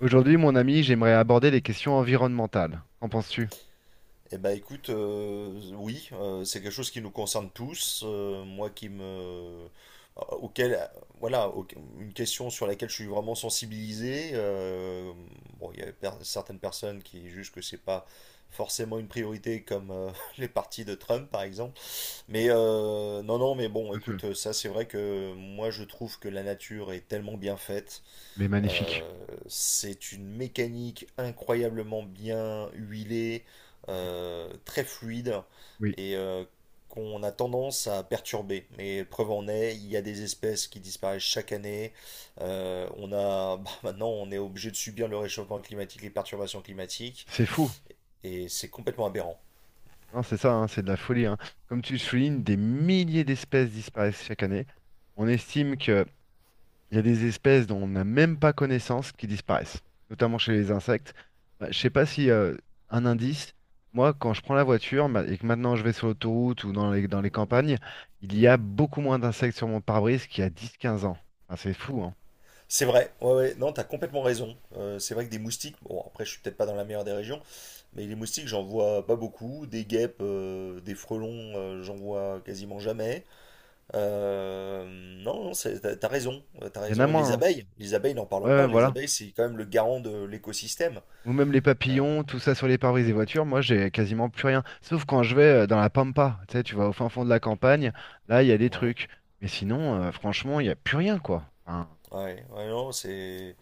Aujourd'hui, mon ami, j'aimerais aborder les questions environnementales. Qu'en penses-tu? C'est quelque chose qui nous concerne tous. Moi qui me, auquel, voilà, au- Une question sur laquelle je suis vraiment sensibilisé. Bon, il y a certaines personnes qui jugent que c'est pas forcément une priorité comme les partis de Trump par exemple. Mais non, non, mais bon, Tout à fait. écoute, ça c'est vrai que moi je trouve que la nature est tellement bien faite Les magnifiques. euh, c'est une mécanique incroyablement bien huilée, Exact. Très fluide Oui. et qu'on a tendance à perturber. Mais preuve en est, il y a des espèces qui disparaissent chaque année. On a, bah, maintenant, on est obligé de subir le réchauffement climatique, les perturbations climatiques, C'est fou. et c'est complètement aberrant. Hein, c'est ça, hein, c'est de la folie. Hein. Comme tu le soulignes, des milliers d'espèces disparaissent chaque année. On estime qu'il y a des espèces dont on n'a même pas connaissance qui disparaissent, notamment chez les insectes. Bah, je sais pas si un indice, moi, quand je prends la voiture et que maintenant je vais sur l'autoroute ou dans dans les campagnes, il y a Mhm. beaucoup moins d'insectes sur mon pare-brise qu'il y a dix, quinze ans. Enfin, c'est fou, hein. C'est vrai, ouais, ouais, non, t'as complètement raison. C'est vrai que des moustiques, bon, après, je suis peut-être pas dans la meilleure des régions. Mais les moustiques, j'en vois pas beaucoup. Des guêpes, des frelons, j'en vois quasiment jamais. Euh, non, non, t'as raison, t'as Il y en a raison. Et moins, hein. Les abeilles, n'en Ouais, parlons ouais, pas. Les voilà. abeilles, c'est quand même le garant de l'écosystème. Ou même les Euh, papillons, tout ça sur les pare-brise des voitures, moi j'ai quasiment plus rien. Sauf quand je vais dans la pampa, tu sais, tu vas au fin fond de la campagne, là il y a des ouais. trucs. Mais sinon, franchement, il n'y a plus rien, quoi. Enfin, Ouais, ouais, non, c'est.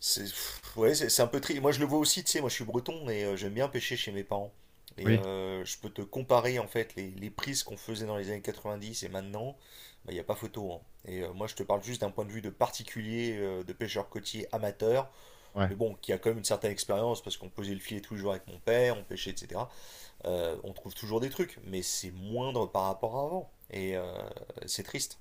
C'est pff, ouais, c'est un peu triste. Moi, je le vois aussi, tu sais, moi je suis breton et j'aime bien pêcher chez mes parents. Et oui, je peux te comparer en fait les prises qu'on faisait dans les années 90 et maintenant, bah, il n'y a pas photo, hein. Et moi, je te parle juste d'un point de vue de particulier, de pêcheur côtier amateur, ouais. mais bon, qui a quand même une certaine expérience parce qu'on posait le filet tous les jours avec mon père, on pêchait, etc. On trouve toujours des trucs, mais c'est moindre par rapport à avant. C'est triste.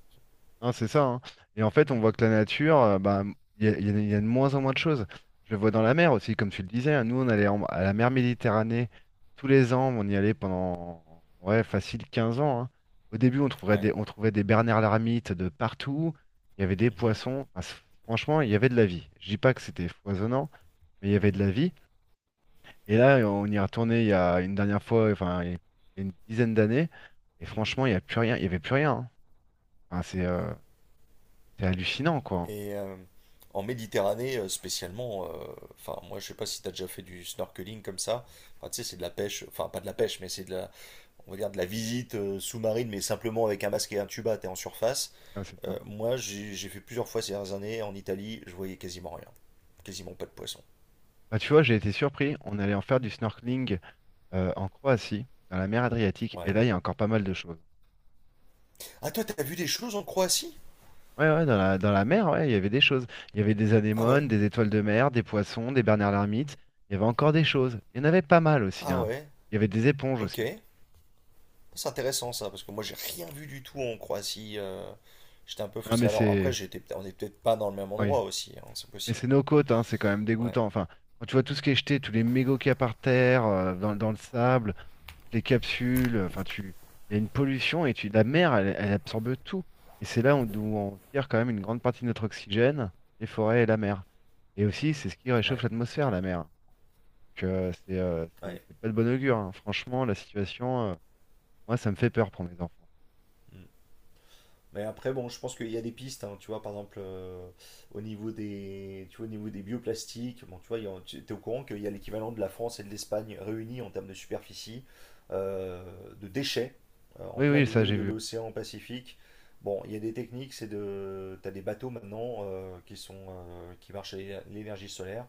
Hein, c'est ça. Hein. Et en fait, on voit que la nature, bah, il y a de moins en moins de choses. Je le vois dans la mer aussi, comme tu le disais. Hein. Nous, à la mer Méditerranée tous les ans. On y allait pendant, ouais, facile 15 ans. Hein. Au début, Ouais. On trouvait des bernards l'ermite de partout. Il y avait des Mhm. poissons. Enfin, franchement, il y avait de la vie. Je dis pas que c'était foisonnant, mais il y avait de Mhm. la vie. Et là, on y est retourné il y a une dernière fois, enfin, il y a une dizaine d'années. Et franchement, Mhm. il y a plus rien. Il y avait plus rien. Hein. Enfin, Ouais. C'est hallucinant, quoi. Hein. Et euh, en Méditerranée, spécialement, enfin, moi, je sais pas si tu as déjà fait du snorkeling comme ça. Enfin, tu sais, c'est de la pêche, enfin, pas de la pêche, mais on va dire, de la visite sous-marine, mais simplement avec un masque et un tuba, t'es en surface. Ouais, c'est ça. Moi, j'ai fait plusieurs fois ces dernières années en Italie, je voyais quasiment rien. Quasiment pas de poisson. Bah, tu vois, j'ai été surpris. On allait en faire du snorkeling en Croatie, dans la mer Adriatique, et Ouais. là, il y a encore pas mal de choses. Ah, toi, t'as vu des choses en Croatie? Ouais, ouais, dans dans la mer, ouais, il y avait des choses. Il y avait des Ah anémones, ouais. des étoiles de mer, des poissons, des bernards l'ermite. Il y avait encore des choses. Il y en avait pas mal aussi, Ah hein. ouais. Il y avait des éponges Ok. aussi. C'est intéressant ça, parce que moi, j'ai rien vu du tout en Croatie. J'étais un peu Non, mais frustré. Alors après, c'est, on est peut-être pas dans le même oui, endroit aussi, hein, c'est mais possible. c'est nos côtes, hein, c'est quand même Ouais, dégoûtant. Enfin, quand tu vois tout ce qui est jeté, tous les mégots qu'il y a par terre, dans, dans le sable, les capsules, il y a une pollution et la mer, elle, elle absorbe tout. Et c'est là où, d'où on tire quand même une grande partie de notre oxygène, les forêts et la mer. Et aussi, c'est ce qui réchauffe ouais, l'atmosphère, la mer. Donc ouais. c'est pas de bon augure. Hein. Franchement, la situation, moi, ça me fait peur pour mes enfants. Mm. Mais après, bon, je pense qu'il y a des pistes, hein, tu vois, par exemple, au niveau des, tu vois, au niveau des bioplastiques, bon, tu vois, tu es au courant qu'il y a l'équivalent de la France et de l'Espagne réunis en termes de superficie, euh, de déchets, en Oui, plein oui, ça milieu j'ai de vu. l'océan Pacifique. Bon, il y a des techniques, t'as des bateaux maintenant qui marchent à l'énergie solaire.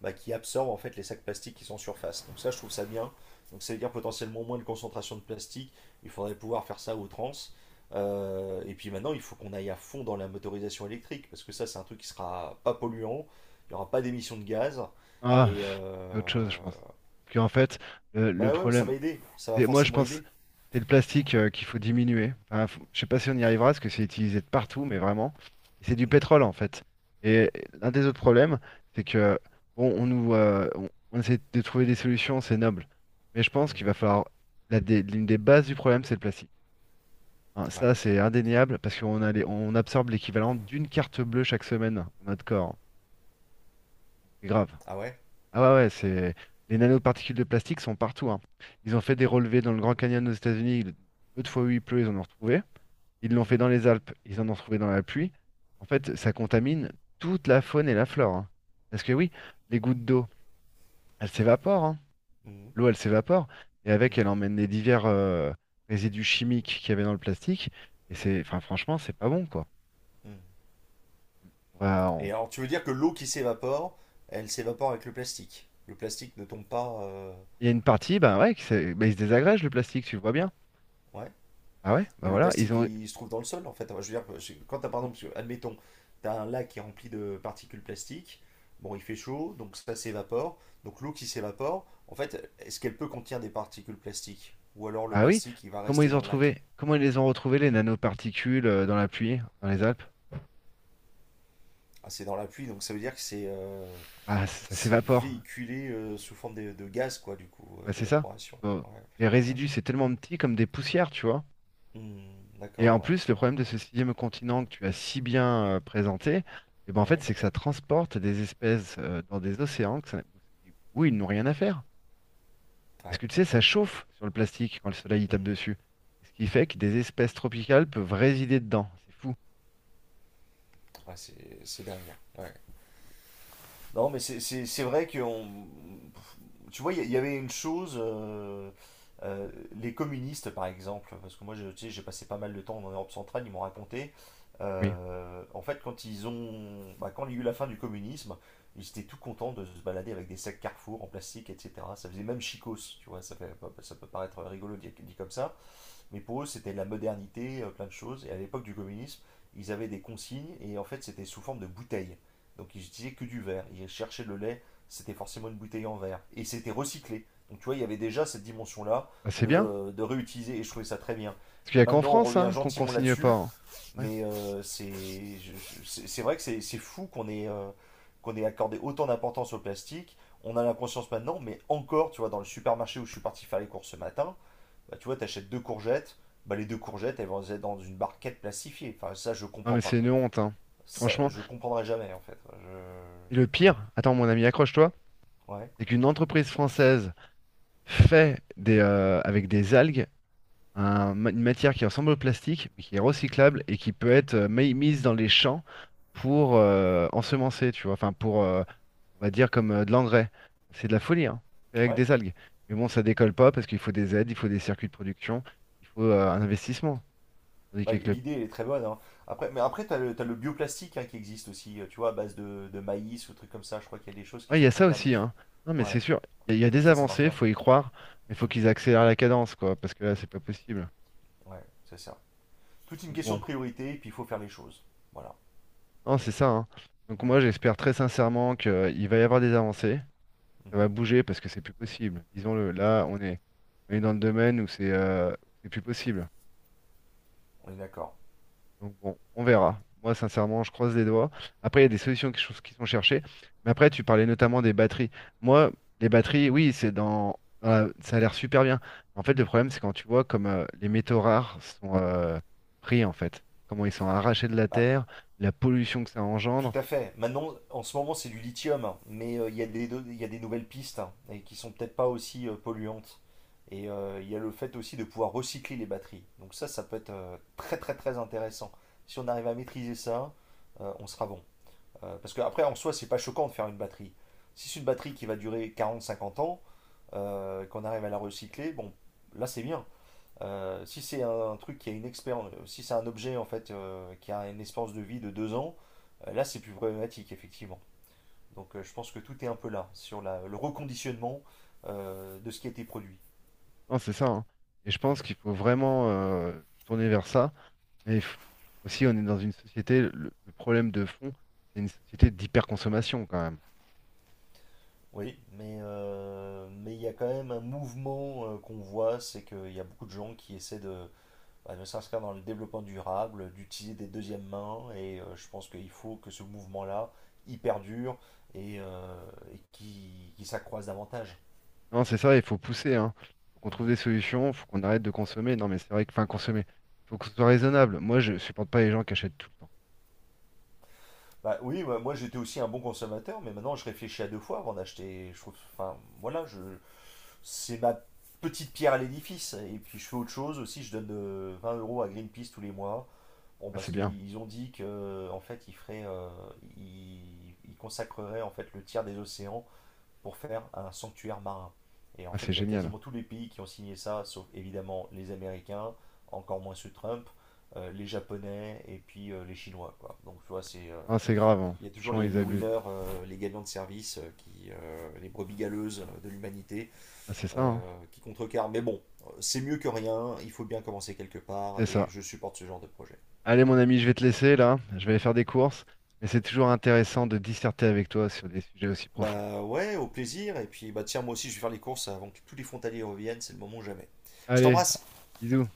Bah, qui absorbent en fait les sacs plastiques qui sont surface. Donc ça, je trouve ça bien. Donc ça veut dire potentiellement moins de concentration de plastique. Il faudrait pouvoir faire ça à outrance. Et puis maintenant, il faut qu'on aille à fond dans la motorisation électrique, parce que ça, c'est un truc qui sera pas polluant, il n'y aura pas d'émissions de gaz. Ah, Et pff, euh, c'est autre chose, je pense. Parce qu'en fait, le bah ouais, mais ça problème, va aider, ça va et moi, je forcément pense aider. c'est le plastique qu'il faut diminuer. Enfin, je sais pas si on y arrivera, parce que c'est utilisé de partout, mais vraiment. Et c'est du Mhm, pétrole, en fait. Et l'un des autres problèmes, c'est que, bon, on essaie de trouver des solutions, c'est noble. Mais je pense qu'il mhm. va falloir, l'une des bases du problème, c'est le plastique. Hein, Ouais. ça, c'est indéniable, parce qu'on on absorbe l'équivalent d'une carte bleue chaque semaine dans notre corps. C'est grave. Ah ouais? Ah ouais, ouais, c'est... Les nanoparticules de plastique sont partout, hein. Ils ont fait des relevés dans le Grand Canyon aux États-Unis. Peu de fois où il pleut, ils en ont retrouvé. Ils l'ont fait dans Mhm, les Alpes, ils en ont retrouvé dans la pluie. En fait, ça contamine toute la faune et la flore. Hein. Parce que oui, les gouttes d'eau, elles s'évaporent. Hein. mhm, L'eau, elle s'évapore. Et avec, mhm, elle emmène les divers résidus chimiques qu'il y avait dans le plastique. Et c'est, enfin, franchement, c'est pas bon, quoi. mhm. On va- on- Et alors, tu veux dire que l'eau qui s'évapore, elle s'évapore avec le plastique. Le plastique ne tombe pas. Il y a une partie, bah ouais, bah, il se désagrège le plastique, tu le vois bien. Ouais. Ah ouais, bah Mais le voilà, ils plastique, ont. il se trouve dans le sol, en fait. Enfin, je veux dire, quand t'as, par exemple, admettons, t'as un lac qui est rempli de particules plastiques, bon, il fait chaud, donc ça s'évapore. Donc l'eau qui s'évapore, en fait, est-ce qu'elle peut contenir des particules plastiques? Ou alors le Ah oui, plastique, il va rester dans le lac? Comment ils les ont retrouvés les nanoparticules dans la pluie, dans les Alpes? Ah, c'est dans la pluie, donc ça veut dire que Ah, ça c'est s'évapore. véhiculé sous forme de gaz, quoi, du coup, Bah, c'est ça. d'évaporation. Faut- Ouais, les putain, la résidus, vache. c'est tellement petit comme des poussières, tu vois. Hmm, Et d'accord, en ouais, plus, le problème de ce sixième continent que tu as si bien présenté, eh ben en ouais, fait, ouais, c'est que ça transporte des espèces dans des océans où ils n'ont rien à faire. Parce ouais. que tu sais, ça chauffe sur le plastique quand le soleil y tape Hmm, dessus. Ce qui mhm. fait que des espèces tropicales peuvent résider dedans. C'est fou. Ouais, c'est dingue, hein. Ouais. Non, mais c'est vrai que tu vois, il y avait une chose, euh, les communistes par exemple, parce que tu sais, j'ai passé pas mal de temps en Europe centrale, ils m'ont raconté, Oui. En fait quand ils ont, bah, quand il y a eu la fin du communisme, ils étaient tout contents de se balader avec des sacs Carrefour en plastique, etc. Ça faisait même chicos, tu vois, ça fait, ça peut paraître rigolo dit comme ça, mais pour eux, c'était la modernité, plein de choses. Et à l'époque du communisme, ils avaient des consignes et en fait, c'était sous forme de bouteilles. Donc ils n'utilisaient que du verre. Ils cherchaient le lait, c'était forcément une bouteille en verre. Et c'était recyclé. Donc tu vois, il y avait déjà cette dimension-là Bah, c'est bien. De réutiliser et je trouvais ça très bien. Parce qu'il n'y a qu'en Maintenant, on France revient hein, qu'on gentiment consigne pas. là-dessus, Hein. Ouais. mais c'est vrai que c'est fou qu'on ait accordé autant d'importance au plastique. On a la conscience maintenant, mais encore, tu vois, dans le supermarché où je suis parti faire les courses ce matin, bah, tu vois, t'achètes deux courgettes, bah, les deux courgettes, elles vont être dans une barquette plastifiée. Enfin, ça, je Non comprends mais c'est pas. une honte, hein. Ça, Franchement. je comprendrai jamais, en fait. Et le pire, attends mon ami, accroche-toi, Ouais. c'est qu'une entreprise française, avec des algues une matière qui ressemble au plastique, mais qui est Mhm, recyclable et qui peut être mise dans les champs mhm. pour ensemencer, tu vois. Enfin pour, on va dire comme de l'engrais. C'est de la folie, hein. Fait avec Ouais. des algues. Mais bon, ça décolle pas parce qu'il faut des aides, il faut des circuits de production, il faut un Mhm. investissement. Tandis Bah, qu'avec le l'idée, elle est très bonne, hein. Après, t'as le bioplastique hein, qui existe aussi, tu vois, à base de maïs ou trucs comme ça. Je crois qu'il y a des choses qui ouais, il y sont a ça faisables. aussi, hein. Non, mais c'est Ouais, sûr, il y a des ça marche avancées, bien. faut y croire, mais faut Mhm. qu'ils accélèrent la cadence, quoi, parce que là, c'est pas possible. Ouais, c'est ça. Toute une Donc question bon, de priorité, et puis il faut faire les choses. Voilà. non, c'est ça, hein. Donc moi, Mhm. j'espère très sincèrement qu'il va y avoir des avancées, ça va Mhm. bouger parce que c'est plus possible. Disons-le, là, on est dans le domaine où c'est plus possible. On est d'accord. Donc bon, on verra. Moi, sincèrement, je croise les doigts. Après, il y a des solutions qui sont cherchées. Mais après, tu parlais notamment des batteries. Moi, les batteries, oui, dans la- ça a l'air super bien. En fait, le problème, c'est quand tu vois comme les métaux rares sont Mhm. Pris, en fait. Comment ils sont arrachés de la Bah, terre, la pollution que ça tout engendre. à fait. Maintenant, en ce moment, c'est du lithium, hein, mais il y a des nouvelles pistes hein, et qui sont peut-être pas aussi polluantes. Et il y a le fait aussi de pouvoir recycler les batteries. Donc ça peut être très très très intéressant. Si on arrive à maîtriser ça, on sera bon. Parce que après, en soi, c'est pas choquant de faire une batterie. Si c'est une batterie qui va durer quarante, cinquante ans, qu'on arrive à la recycler, bon, là c'est bien. Si c'est un truc qui a une expérience, si c'est un objet en fait qui a une espérance de vie de deux ans, là c'est plus problématique effectivement. Donc je pense que tout est un peu là sur le reconditionnement de ce qui a été produit. Non, c'est ça. Hein. Et je pense Mm. qu'il faut vraiment tourner vers ça. Mais il faut- aussi, on est dans une société, le problème de fond, c'est une société d'hyperconsommation quand même. Oui, mais il y a quand même un mouvement qu'on voit, c'est qu'il y a beaucoup de gens qui essaient bah, de s'inscrire dans le développement durable, d'utiliser des deuxièmes mains, et je pense qu'il faut que ce mouvement-là y perdure et qu'il s'accroisse davantage. Non, c'est ça, il faut pousser, hein. Faut qu'on trouve Mm. des solutions, faut qu'on arrête de consommer. Non, mais c'est vrai que, enfin, consommer, faut que ce soit raisonnable. Moi, je supporte pas les gens qui achètent tout le temps. Bah oui, moi, j'étais aussi un bon consommateur, mais maintenant je réfléchis à deux fois avant d'acheter. Je trouve, voilà, je, c'est ma petite pierre à l'édifice. Et puis je fais autre chose aussi, je donne 20 euros à Greenpeace tous les mois. Bon, Ah, parce c'est bien. qu'ils ils ont dit que en fait ils feraient, ils, ils consacreraient en fait le tiers des océans pour faire un sanctuaire marin. Et en Ah, fait, c'est il y a génial. quasiment tous les pays qui ont signé ça, sauf évidemment les Américains, encore moins ceux de Trump, les Japonais et puis les Chinois, quoi. Donc tu vois, c'est Ah, c'est grave, hein. il y a toujours Franchement, ils les abusent. Hein. winners, les gagnants de service, les brebis galeuses de l'humanité Ah, c'est ça, hein. Qui contrecarrent. Mais bon, c'est mieux que rien, il faut bien commencer quelque part C'est et ça. je supporte ce genre de projet. Allez, mon ami, je vais te laisser là. Je vais aller faire des courses. Mais c'est toujours intéressant de disserter avec toi sur des sujets aussi profonds. Bah ouais, au plaisir. Et puis bah tiens, moi aussi je vais faire les courses avant que tous les frontaliers reviennent, c'est le moment jamais. Je Allez, t'embrasse! bisous.